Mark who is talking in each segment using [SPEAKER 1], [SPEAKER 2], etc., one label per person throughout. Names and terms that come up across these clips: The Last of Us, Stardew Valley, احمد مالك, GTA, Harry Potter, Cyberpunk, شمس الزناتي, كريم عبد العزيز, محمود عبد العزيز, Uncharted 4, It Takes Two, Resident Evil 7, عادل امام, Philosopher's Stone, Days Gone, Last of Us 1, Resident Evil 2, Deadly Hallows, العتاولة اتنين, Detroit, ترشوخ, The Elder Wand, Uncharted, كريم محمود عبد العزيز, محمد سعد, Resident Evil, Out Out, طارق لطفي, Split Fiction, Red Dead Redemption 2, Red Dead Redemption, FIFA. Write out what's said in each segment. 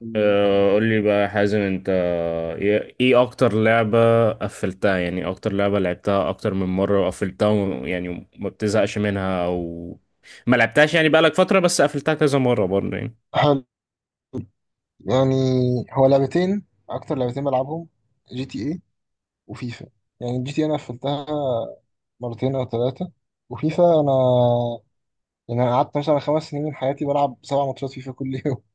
[SPEAKER 1] مم. مم.
[SPEAKER 2] قول لي بقى يا حازم انت ايه اكتر لعبة قفلتها، يعني اكتر لعبة لعبتها اكتر من مرة وقفلتها يعني ما بتزهقش منها او ما لعبتهاش يعني بقالك فترة بس قفلتها كذا مرة برضه يعني.
[SPEAKER 1] حلو، يعني هو لعبتين، اكتر لعبتين بلعبهم: جي تي اي وفيفا. يعني جي تي إيه انا قفلتها مرتين او ثلاثه، وفيفا انا يعني انا قعدت مثلا 5 سنين من حياتي بلعب 7 ماتشات فيفا كل يوم.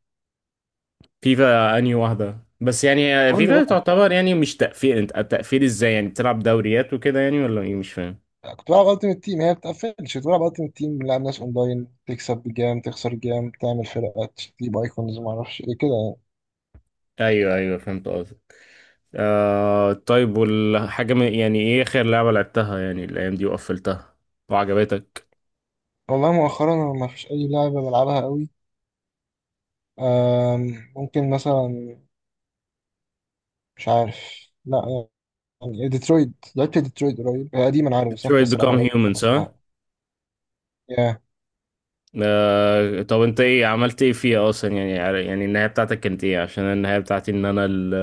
[SPEAKER 2] فيفا انهي واحدة؟ بس يعني
[SPEAKER 1] كله
[SPEAKER 2] فيفا
[SPEAKER 1] بقى.
[SPEAKER 2] تعتبر يعني مش تقفيل، انت التقفيل ازاي يعني؟ بتلعب دوريات وكده يعني ولا ايه؟ مش فاهم.
[SPEAKER 1] كنت بلعب التيمت تيم، هي ما بتقفلش. كنت بلعب التيمت تيم، بنلعب ناس اونلاين، تكسب بجام تخسر جام، تعمل فرقات تجيب ايكونز، ما اعرفش ايه كده يعني.
[SPEAKER 2] ايوه ايوه، فهمت قصدك. آه طيب، يعني ايه اخر لعبة لعبتها يعني الايام دي وقفلتها وعجبتك؟
[SPEAKER 1] والله مؤخرا انا ما فيش اي لعبه بلعبها قوي. ممكن مثلا مش عارف، لا، يعني ديترويت. لعبت ديترويت قريب، هي قديمة أنا عارف بس أنا كنت
[SPEAKER 2] Detroit
[SPEAKER 1] لسه بلعبها
[SPEAKER 2] Become
[SPEAKER 1] قريب
[SPEAKER 2] Humans، ها.
[SPEAKER 1] وخلصتها. ياه.
[SPEAKER 2] آه، طب انت ايه عملت ايه فيها اصلا يعني؟ يعني النهاية بتاعتك كانت ايه؟ عشان النهاية بتاعتي ان انا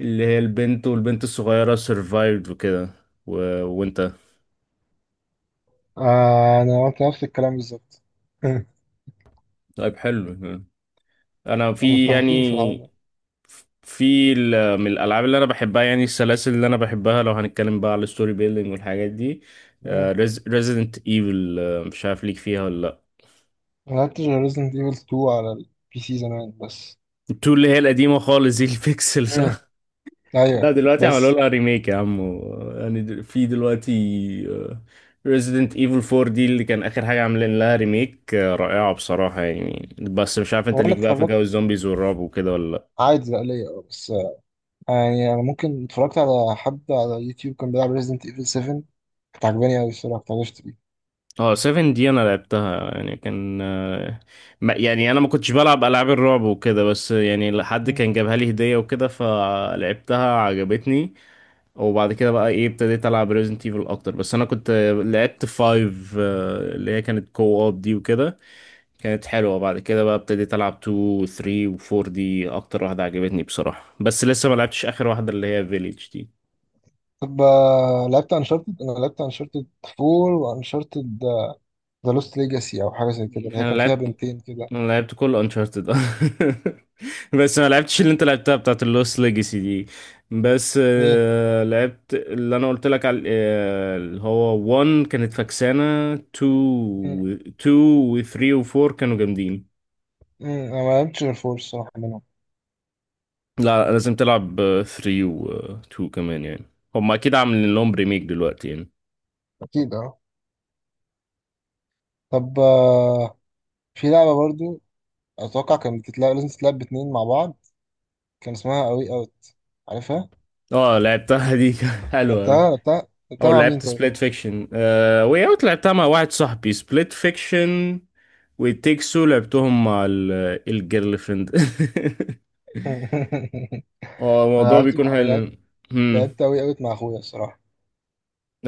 [SPEAKER 2] اللي هي البنت والبنت الصغيرة survived وكده و... وانت؟
[SPEAKER 1] آه أنا قلت نفس الكلام بالظبط.
[SPEAKER 2] طيب حلو. انا في
[SPEAKER 1] متفقين في العالم.
[SPEAKER 2] يعني، في من الالعاب اللي انا بحبها، يعني السلاسل اللي انا بحبها لو هنتكلم بقى على الستوري بيلدينج والحاجات دي:
[SPEAKER 1] مم.
[SPEAKER 2] ريزيدنت ايفل. مش عارف ليك فيها ولا لا؟
[SPEAKER 1] ما لعبتش غير Resident Evil 2 على البي سي زمان بس.
[SPEAKER 2] التو اللي هي القديمة خالص دي البيكسل،
[SPEAKER 1] مم.
[SPEAKER 2] صح؟
[SPEAKER 1] أيوه
[SPEAKER 2] لا دلوقتي عملوا
[SPEAKER 1] بس.
[SPEAKER 2] لها ريميك يا عم يعني في دلوقتي ريزيدنت ايفل 4 دي اللي كان اخر حاجه عاملين لها ريميك، آه، رائعه بصراحه يعني. بس مش عارف انت
[SPEAKER 1] هو أنا
[SPEAKER 2] ليك بقى في
[SPEAKER 1] اتفرجت
[SPEAKER 2] جو الزومبيز والرعب وكده ولا لا؟
[SPEAKER 1] عادي ليا أه بس. يعني أنا ممكن اتفرجت على حد على يوتيوب كان بيلعب Resident Evil 7، كانت عجباني أوي الصراحة، كنت عايز أشتريه.
[SPEAKER 2] اه 7 دي انا لعبتها، يعني كان يعني انا ما كنتش بلعب العاب الرعب وكده، بس يعني حد
[SPEAKER 1] مم.
[SPEAKER 2] كان جابها لي هديه وكده فلعبتها عجبتني. وبعد كده بقى ايه ابتديت العب ريزيدنت ايفل اكتر، بس انا كنت لعبت 5، اللي هي كانت كو اوب دي وكده، كانت حلوة. بعد كده بقى ابتديت ألعب 2 و 3 و 4 دي أكتر واحدة عجبتني بصراحة، بس لسه ما لعبتش آخر واحدة اللي هي فيليج دي.
[SPEAKER 1] طب لعبت انشارتد، انا لعبت انشارتد 4 وانشارتد ذا لوست ليجاسي او حاجه زي كده، اللي هي
[SPEAKER 2] أنا
[SPEAKER 1] كان فيها
[SPEAKER 2] لعبت
[SPEAKER 1] بنتين كده.
[SPEAKER 2] أنا لعبت كل أنشارتد بس ما لعبتش اللي أنت لعبتها بتاعت اللوست ليجاسي دي. بس
[SPEAKER 1] مم.
[SPEAKER 2] آه، لعبت اللي أنا قلت لك على آه، اللي هو 1 كانت فكسانة، 2
[SPEAKER 1] مم.
[SPEAKER 2] و 2 و 3 و 4 كانوا جامدين.
[SPEAKER 1] مم. انا ما لعبتش غير فور الصراحه منهم.
[SPEAKER 2] لا لازم تلعب 3 و 2 كمان يعني، هم أكيد عاملين لهم ريميك دلوقتي يعني.
[SPEAKER 1] اكيد اه. طب في لعبه برضو، اتوقع كانت بتتلعب، لازم تتلعب باتنين مع بعض، كان اسمها اوي اوت، عارفها.
[SPEAKER 2] اه لعبتها دي حلوة أوي.
[SPEAKER 1] لعبتها لعبتها لعبتها
[SPEAKER 2] او
[SPEAKER 1] مع مين
[SPEAKER 2] لعبت
[SPEAKER 1] طيب؟
[SPEAKER 2] سبليت فيكشن، آه، واي اوت لعبتها مع واحد صاحبي، سبليت فيكشن وتيكسو لعبتهم مع الجيرل فريند اه
[SPEAKER 1] انا
[SPEAKER 2] الموضوع
[SPEAKER 1] لعبت
[SPEAKER 2] بيكون
[SPEAKER 1] مع لعبت
[SPEAKER 2] حلو. امم،
[SPEAKER 1] لعبت اوي اوت مع اخويا الصراحه.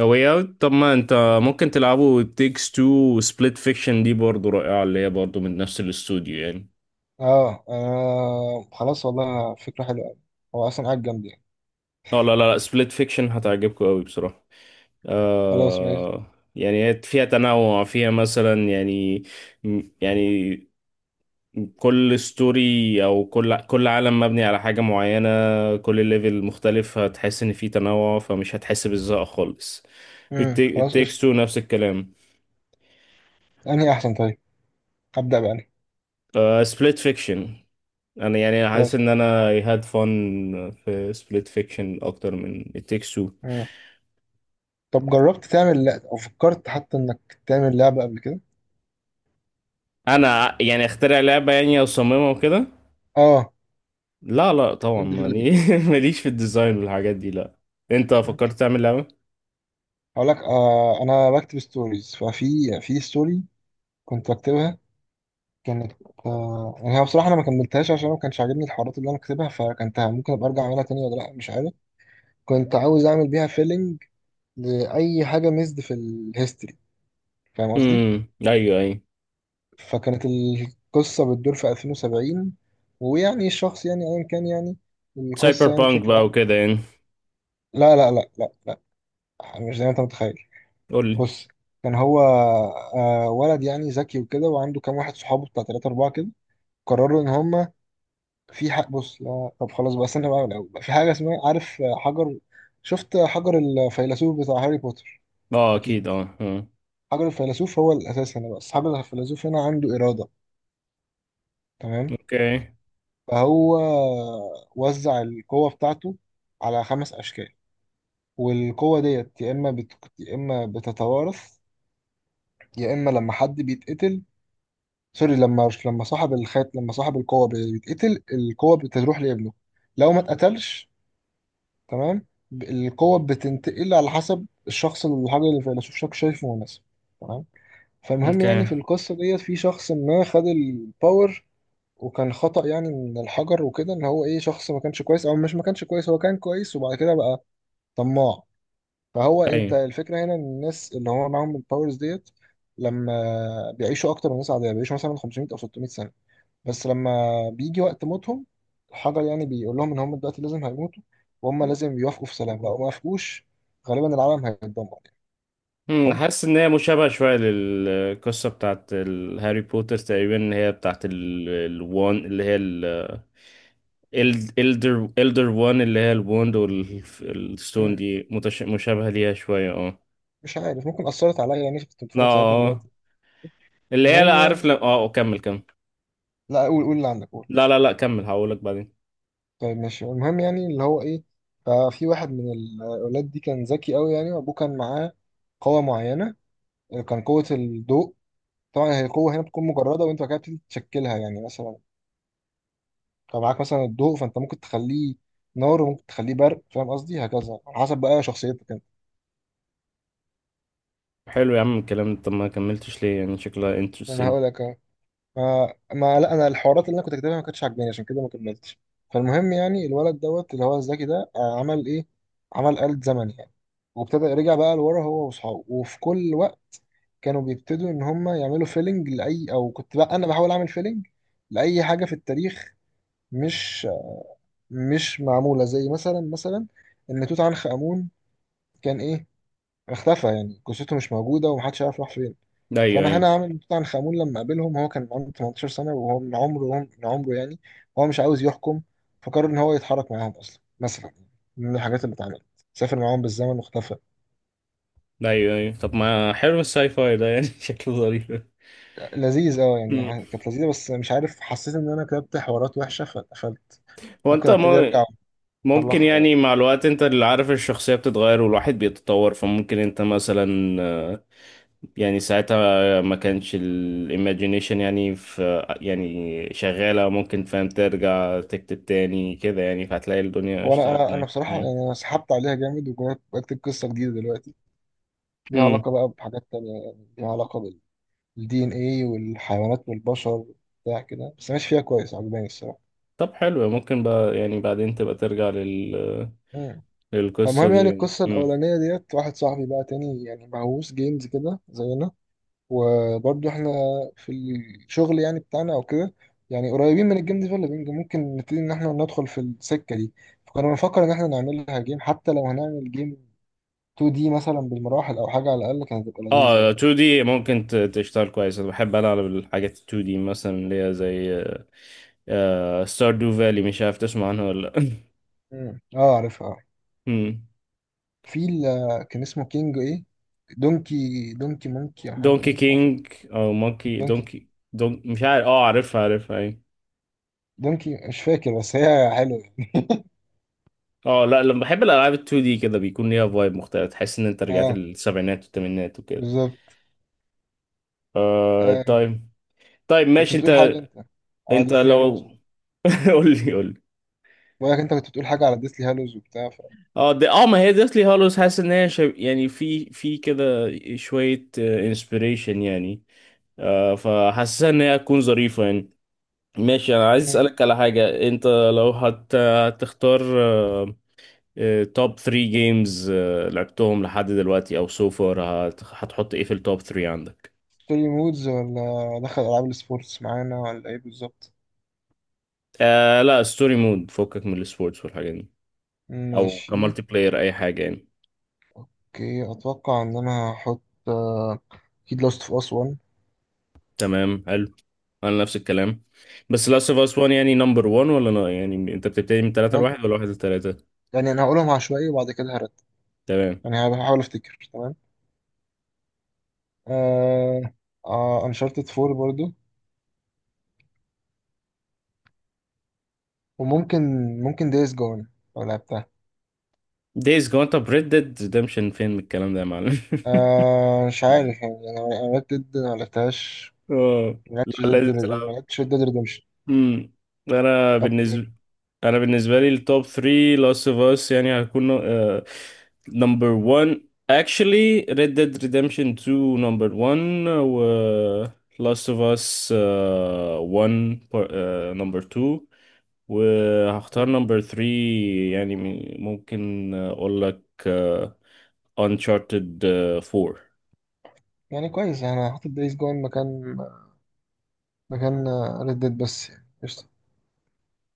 [SPEAKER 2] واي اوت طب ما انت ممكن تلعبوا تيكس تو وسبليت فيكشن دي برضه رائعة اللي هي برضه من نفس الاستوديو يعني.
[SPEAKER 1] اه انا خلاص، والله فكره حلوه أوي. هو اصلا قاعد جنبي يعني.
[SPEAKER 2] اه لا لا لا، سبليت فيكشن هتعجبكم قوي بصراحة.
[SPEAKER 1] خلاص ماشي.
[SPEAKER 2] آه يعني هي فيها تنوع، فيها مثلا يعني، يعني كل ستوري او كل عالم مبني على حاجة معينة، كل ليفل مختلف، هتحس ان في تنوع فمش هتحس بالزهق خالص.
[SPEAKER 1] مم.
[SPEAKER 2] التيك
[SPEAKER 1] خلاص قشطه.
[SPEAKER 2] تيكس تو نفس الكلام.
[SPEAKER 1] انهي احسن طيب؟ ابدا بقى أنهي.
[SPEAKER 2] سبليت فيكشن، انا يعني حاسس
[SPEAKER 1] خلاص.
[SPEAKER 2] ان انا I had fun في سبليت فيكشن اكتر من It Takes Two.
[SPEAKER 1] طب جربت تعمل او فكرت حتى انك تعمل لعبه قبل كده؟
[SPEAKER 2] انا يعني اخترع لعبة يعني اصممها وكده؟
[SPEAKER 1] اه
[SPEAKER 2] لا لا طبعا
[SPEAKER 1] جيم ديفلوبينج.
[SPEAKER 2] يعني ماليش في الديزاين والحاجات دي، لا. انت فكرت تعمل لعبة؟
[SPEAKER 1] هقول لك، آه انا بكتب ستوريز، ففي في ستوري كنت بكتبها، كانت آه، يعني هي بصراحه انا ما كملتهاش عشان ما كانش عاجبني الحوارات اللي انا كاتبها، فكنتها ممكن ابقى ارجع اعملها تاني ولا لا مش عارف. كنت عاوز اعمل بيها فيلنج لاي حاجه ميزد في الهيستوري، فاهم قصدي.
[SPEAKER 2] ايوه ايوه.
[SPEAKER 1] فكانت القصه بتدور في 2070، ويعني الشخص يعني ايا كان يعني
[SPEAKER 2] سايبر
[SPEAKER 1] القصه يعني
[SPEAKER 2] بانك
[SPEAKER 1] بشكل
[SPEAKER 2] بقى
[SPEAKER 1] عام.
[SPEAKER 2] وكده يعني؟
[SPEAKER 1] لا لا لا لا لا، يعني مش زي ما انت متخيل.
[SPEAKER 2] قول لي.
[SPEAKER 1] بص، كان هو ولد يعني ذكي وكده، وعنده كام واحد صحابه بتاع تلاتة أربعة كده، قرروا إن هما في حق. بص لا طب خلاص بقى، استنى بقى من الأول بقى، في حاجة اسمها عارف حجر. شفت حجر الفيلسوف بتاع هاري بوتر؟
[SPEAKER 2] اه
[SPEAKER 1] أكيد.
[SPEAKER 2] اكيد اه آه.
[SPEAKER 1] حجر الفيلسوف هو الأساس هنا بقى. أصحاب الفيلسوف هنا عنده إرادة، تمام؟
[SPEAKER 2] اوكي.
[SPEAKER 1] فهو وزع القوة بتاعته على 5 أشكال. والقوة ديت يا إما يا إما بتتوارث، يا إما لما حد بيتقتل. سوري، لما صاحب الخات، لما صاحب القوة بيتقتل القوة بتروح لابنه، لو ما اتقتلش. تمام. القوة بتنتقل على حسب الشخص اللي الحاجة اللي الفيلسوف شايفه مناسب. تمام. فالمهم
[SPEAKER 2] اوكي.
[SPEAKER 1] يعني في القصة ديت في شخص ما خد الباور. وكان خطأ يعني من الحجر وكده ان هو ايه، شخص ما كانش كويس، او مش، ما كانش كويس، هو كان كويس وبعد كده بقى طماع. فهو، انت
[SPEAKER 2] ايوه.
[SPEAKER 1] الفكرة هنا ان الناس اللي هو معاهم الباورز ديت لما بيعيشوا اكتر من الناس عادية، بيعيشوا مثلا 500 او 600 سنة. بس لما بيجي وقت موتهم الحجر يعني بيقول لهم ان هم دلوقتي لازم هيموتوا، وهم لازم يوافقوا في سلام، لو ما وافقوش غالبا العالم هيتدمر يعني.
[SPEAKER 2] أمم،
[SPEAKER 1] حلو.
[SPEAKER 2] حاسس ان هي مشابهه شويه للقصه بتاعت هاري بوتر تقريبا، اللي هي بتاعت الوان اللي هي الالدر، وان اللي هي الوند والستون
[SPEAKER 1] مم.
[SPEAKER 2] دي، مشابهه ليها شويه اه.
[SPEAKER 1] مش عارف، ممكن اثرت عليا يعني، كنت
[SPEAKER 2] لا
[SPEAKER 1] بتفرج ساعتها في الوقت.
[SPEAKER 2] آه. اللي هي لا،
[SPEAKER 1] المهم
[SPEAKER 2] عارف،
[SPEAKER 1] يعني،
[SPEAKER 2] لا اه كمل كمل.
[SPEAKER 1] لا قول قول اللي عندك قول.
[SPEAKER 2] لا لا لا كمل، هقولك بعدين.
[SPEAKER 1] طيب ماشي. المهم يعني اللي هو ايه، ففي واحد من الاولاد دي كان ذكي قوي يعني، وابوه كان معاه قوه معينه، كان قوه الضوء. طبعا هي قوه هنا بتكون مجرده، وانت بعد كده بتبتدي تشكلها يعني مثلا، فمعاك مثلا الضوء، فانت ممكن تخليه نار وممكن تخليه برق، فاهم قصدي، هكذا على حسب بقى شخصيتك انت.
[SPEAKER 2] حلو يا عم الكلام ده. طب ما كملتش ليه؟ يعني شكلها
[SPEAKER 1] انا
[SPEAKER 2] انترستنج.
[SPEAKER 1] هقول لك أهو. ما لا انا الحوارات اللي انا كنت كاتبها ما كانتش عاجباني عشان كده ما كملتش. فالمهم يعني الولد دوت اللي هو الذكي ده عمل ايه، عمل آلة زمن يعني، وابتدى رجع بقى لورا، هو واصحابه، وفي كل وقت كانوا بيبتدوا ان هم يعملوا فيلنج لاي، او كنت بقى انا بحاول اعمل فيلنج لاي حاجه في التاريخ مش مش معموله، زي مثلا ان توت عنخ امون كان ايه، اختفى يعني جثته مش موجودة ومحدش عارف راح فين.
[SPEAKER 2] ايوه
[SPEAKER 1] فأنا هنا
[SPEAKER 2] ايوه.
[SPEAKER 1] عامل طبعا خامون لما قابلهم هو كان عنده 18 سنة، وهو من عمره يعني هو مش عاوز يحكم، فقرر إن هو يتحرك معاهم. أصلا مثلا من الحاجات اللي اتعملت سافر معاهم بالزمن واختفى.
[SPEAKER 2] ايوه ايوه، طب ما حلو الساي فاي ده يعني شكله ظريف.
[SPEAKER 1] لذيذ اه، يعني كانت لذيذة بس مش عارف، حسيت إن أنا كتبت حوارات وحشة فاتقفلت.
[SPEAKER 2] هو
[SPEAKER 1] ممكن
[SPEAKER 2] انت
[SPEAKER 1] أبتدي
[SPEAKER 2] م-
[SPEAKER 1] أرجع
[SPEAKER 2] ممكن
[SPEAKER 1] وأصلحها يعني.
[SPEAKER 2] يعني مع الوقت انت اللي عارف، الشخصية بتتغير والواحد بيتطور، فممكن انت مثلا آه، يعني ساعتها ما كانش الايماجينيشن يعني في يعني شغالة، ممكن فاهم ترجع تكتب تاني كده يعني، فهتلاقي الدنيا
[SPEAKER 1] هو أنا
[SPEAKER 2] اشتغلت
[SPEAKER 1] أنا أنا
[SPEAKER 2] معاك.
[SPEAKER 1] بصراحة
[SPEAKER 2] مم.
[SPEAKER 1] يعني، أنا سحبت عليها جامد وجربت بكتب قصة جديدة دلوقتي، ليها
[SPEAKER 2] مم.
[SPEAKER 1] علاقة بقى بحاجات تانية، يعني ليها علاقة الدي ان ايه والحيوانات والبشر بتاع كده، بس ماشي فيها كويس، عجباني الصراحه.
[SPEAKER 2] طب حلو، ممكن بقى يعني بعدين تبقى ترجع
[SPEAKER 1] مم.
[SPEAKER 2] للقصة
[SPEAKER 1] فالمهم
[SPEAKER 2] دي
[SPEAKER 1] يعني
[SPEAKER 2] يعني.
[SPEAKER 1] القصه
[SPEAKER 2] مم.
[SPEAKER 1] الاولانيه ديت، واحد صاحبي بقى تاني يعني مهووس جيمز كده زينا، وبرضه احنا في الشغل يعني بتاعنا او كده يعني قريبين من الجيم ديفلوبينج، ممكن نبتدي ان احنا ندخل في السكه دي. فكنا بنفكر ان احنا نعملها جيم، حتى لو هنعمل جيم 2D مثلا بالمراحل او حاجه، على الاقل كانت هتبقى لذيذه
[SPEAKER 2] اه
[SPEAKER 1] يعني.
[SPEAKER 2] 2D ممكن تشتغل كويس، انا بحب العب الحاجات 2D مثلا اللي هي زي آه ستاردو فالي، مش عارف تسمع عنها ولا لأ.
[SPEAKER 1] مم. اه عارفها.
[SPEAKER 2] مم.
[SPEAKER 1] في ال- كان اسمه كينج ايه، دونكي مونكي او حاجه
[SPEAKER 2] دونكي
[SPEAKER 1] كده، عارف؟
[SPEAKER 2] كينج او مونكي
[SPEAKER 1] دونكي
[SPEAKER 2] دونكي دون، مش عارف اه، عارفها عارفها اي.
[SPEAKER 1] دونكي مش فاكر، بس هي حلوه يعني.
[SPEAKER 2] اه لا، لما بحب الالعاب ال 2 دي كده بيكون ليها فايب مختلف، تحس ان انت رجعت
[SPEAKER 1] اه
[SPEAKER 2] للسبعينات والثمانينات وكده.
[SPEAKER 1] بالظبط.
[SPEAKER 2] آه
[SPEAKER 1] آه
[SPEAKER 2] طيب. طيب
[SPEAKER 1] كنت
[SPEAKER 2] ماشي انت،
[SPEAKER 1] بتقول حاجه انت على
[SPEAKER 2] انت
[SPEAKER 1] ديسلي
[SPEAKER 2] لو
[SPEAKER 1] هالوز.
[SPEAKER 2] قول لي قول لي.
[SPEAKER 1] بقولك انت كنت بتقول حاجه على ديسلي هالوز وبتاع ف...
[SPEAKER 2] اه دي اه، ما هي ديثلي هالوز حاسس ان هي يعني في في كده شويه انسبيريشن يعني، آه، فحاسسها ان هي تكون ظريفه يعني. ماشي، انا عايز
[SPEAKER 1] مم.
[SPEAKER 2] اسالك على حاجه: انت لو هتختار توب 3 جيمز لعبتهم لحد دلوقتي او سوفر، هتحط ايه في التوب 3 عندك؟
[SPEAKER 1] ستوري مودز ولا دخل العاب السبورتس معانا ولا ايه بالظبط؟
[SPEAKER 2] آه لا ستوري مود، فكك من السبورتس والحاجات دي. او
[SPEAKER 1] ماشي.
[SPEAKER 2] كمالتي بلاير اي حاجه يعني.
[SPEAKER 1] اوكي، اتوقع ان انا هحط آه، اكيد لاست اوف اس 1.
[SPEAKER 2] تمام حلو، انا نفس الكلام. بس لاست اوف اس 1 يعني نمبر 1 ولا لا؟ يعني انت بتبتدي من 3 ل
[SPEAKER 1] أنا-
[SPEAKER 2] 1 ولا 1 ل 3؟
[SPEAKER 1] يعني انا هقولهم عشوائي وبعد كده هرد.
[SPEAKER 2] تمام.
[SPEAKER 1] يعني هحاول افتكر، تمام آه، آه انشارتد 4 برضو، وممكن ممكن دايز جون لو لعبتها.
[SPEAKER 2] دايز جون طب ريد ديد ريدمشن فين من الكلام ده يا معلم؟
[SPEAKER 1] آه مش عارف يعني انا، أنا ريد ديد ما لعبتهاش.
[SPEAKER 2] اه
[SPEAKER 1] ما لعبتش
[SPEAKER 2] لا
[SPEAKER 1] ريد
[SPEAKER 2] لازم
[SPEAKER 1] ديد، ما
[SPEAKER 2] تلعب.
[SPEAKER 1] لعبتش ريد ديد ريدمشن.
[SPEAKER 2] امم. انا
[SPEAKER 1] لعبت.
[SPEAKER 2] بالنسبه انا بالنسبه لي التوب 3، لاست اوف اس يعني هيكون نمبر 1، actually Red Dead Redemption 2 نمبر 1 و Last of Us آه، 1 نمبر 2، وهختار نمبر 3 يعني ممكن اقول لك آه، Uncharted آه، 4.
[SPEAKER 1] يعني كويس، انا هحط دايز جون مكان مكان ريد ديد بس يعني قشطة.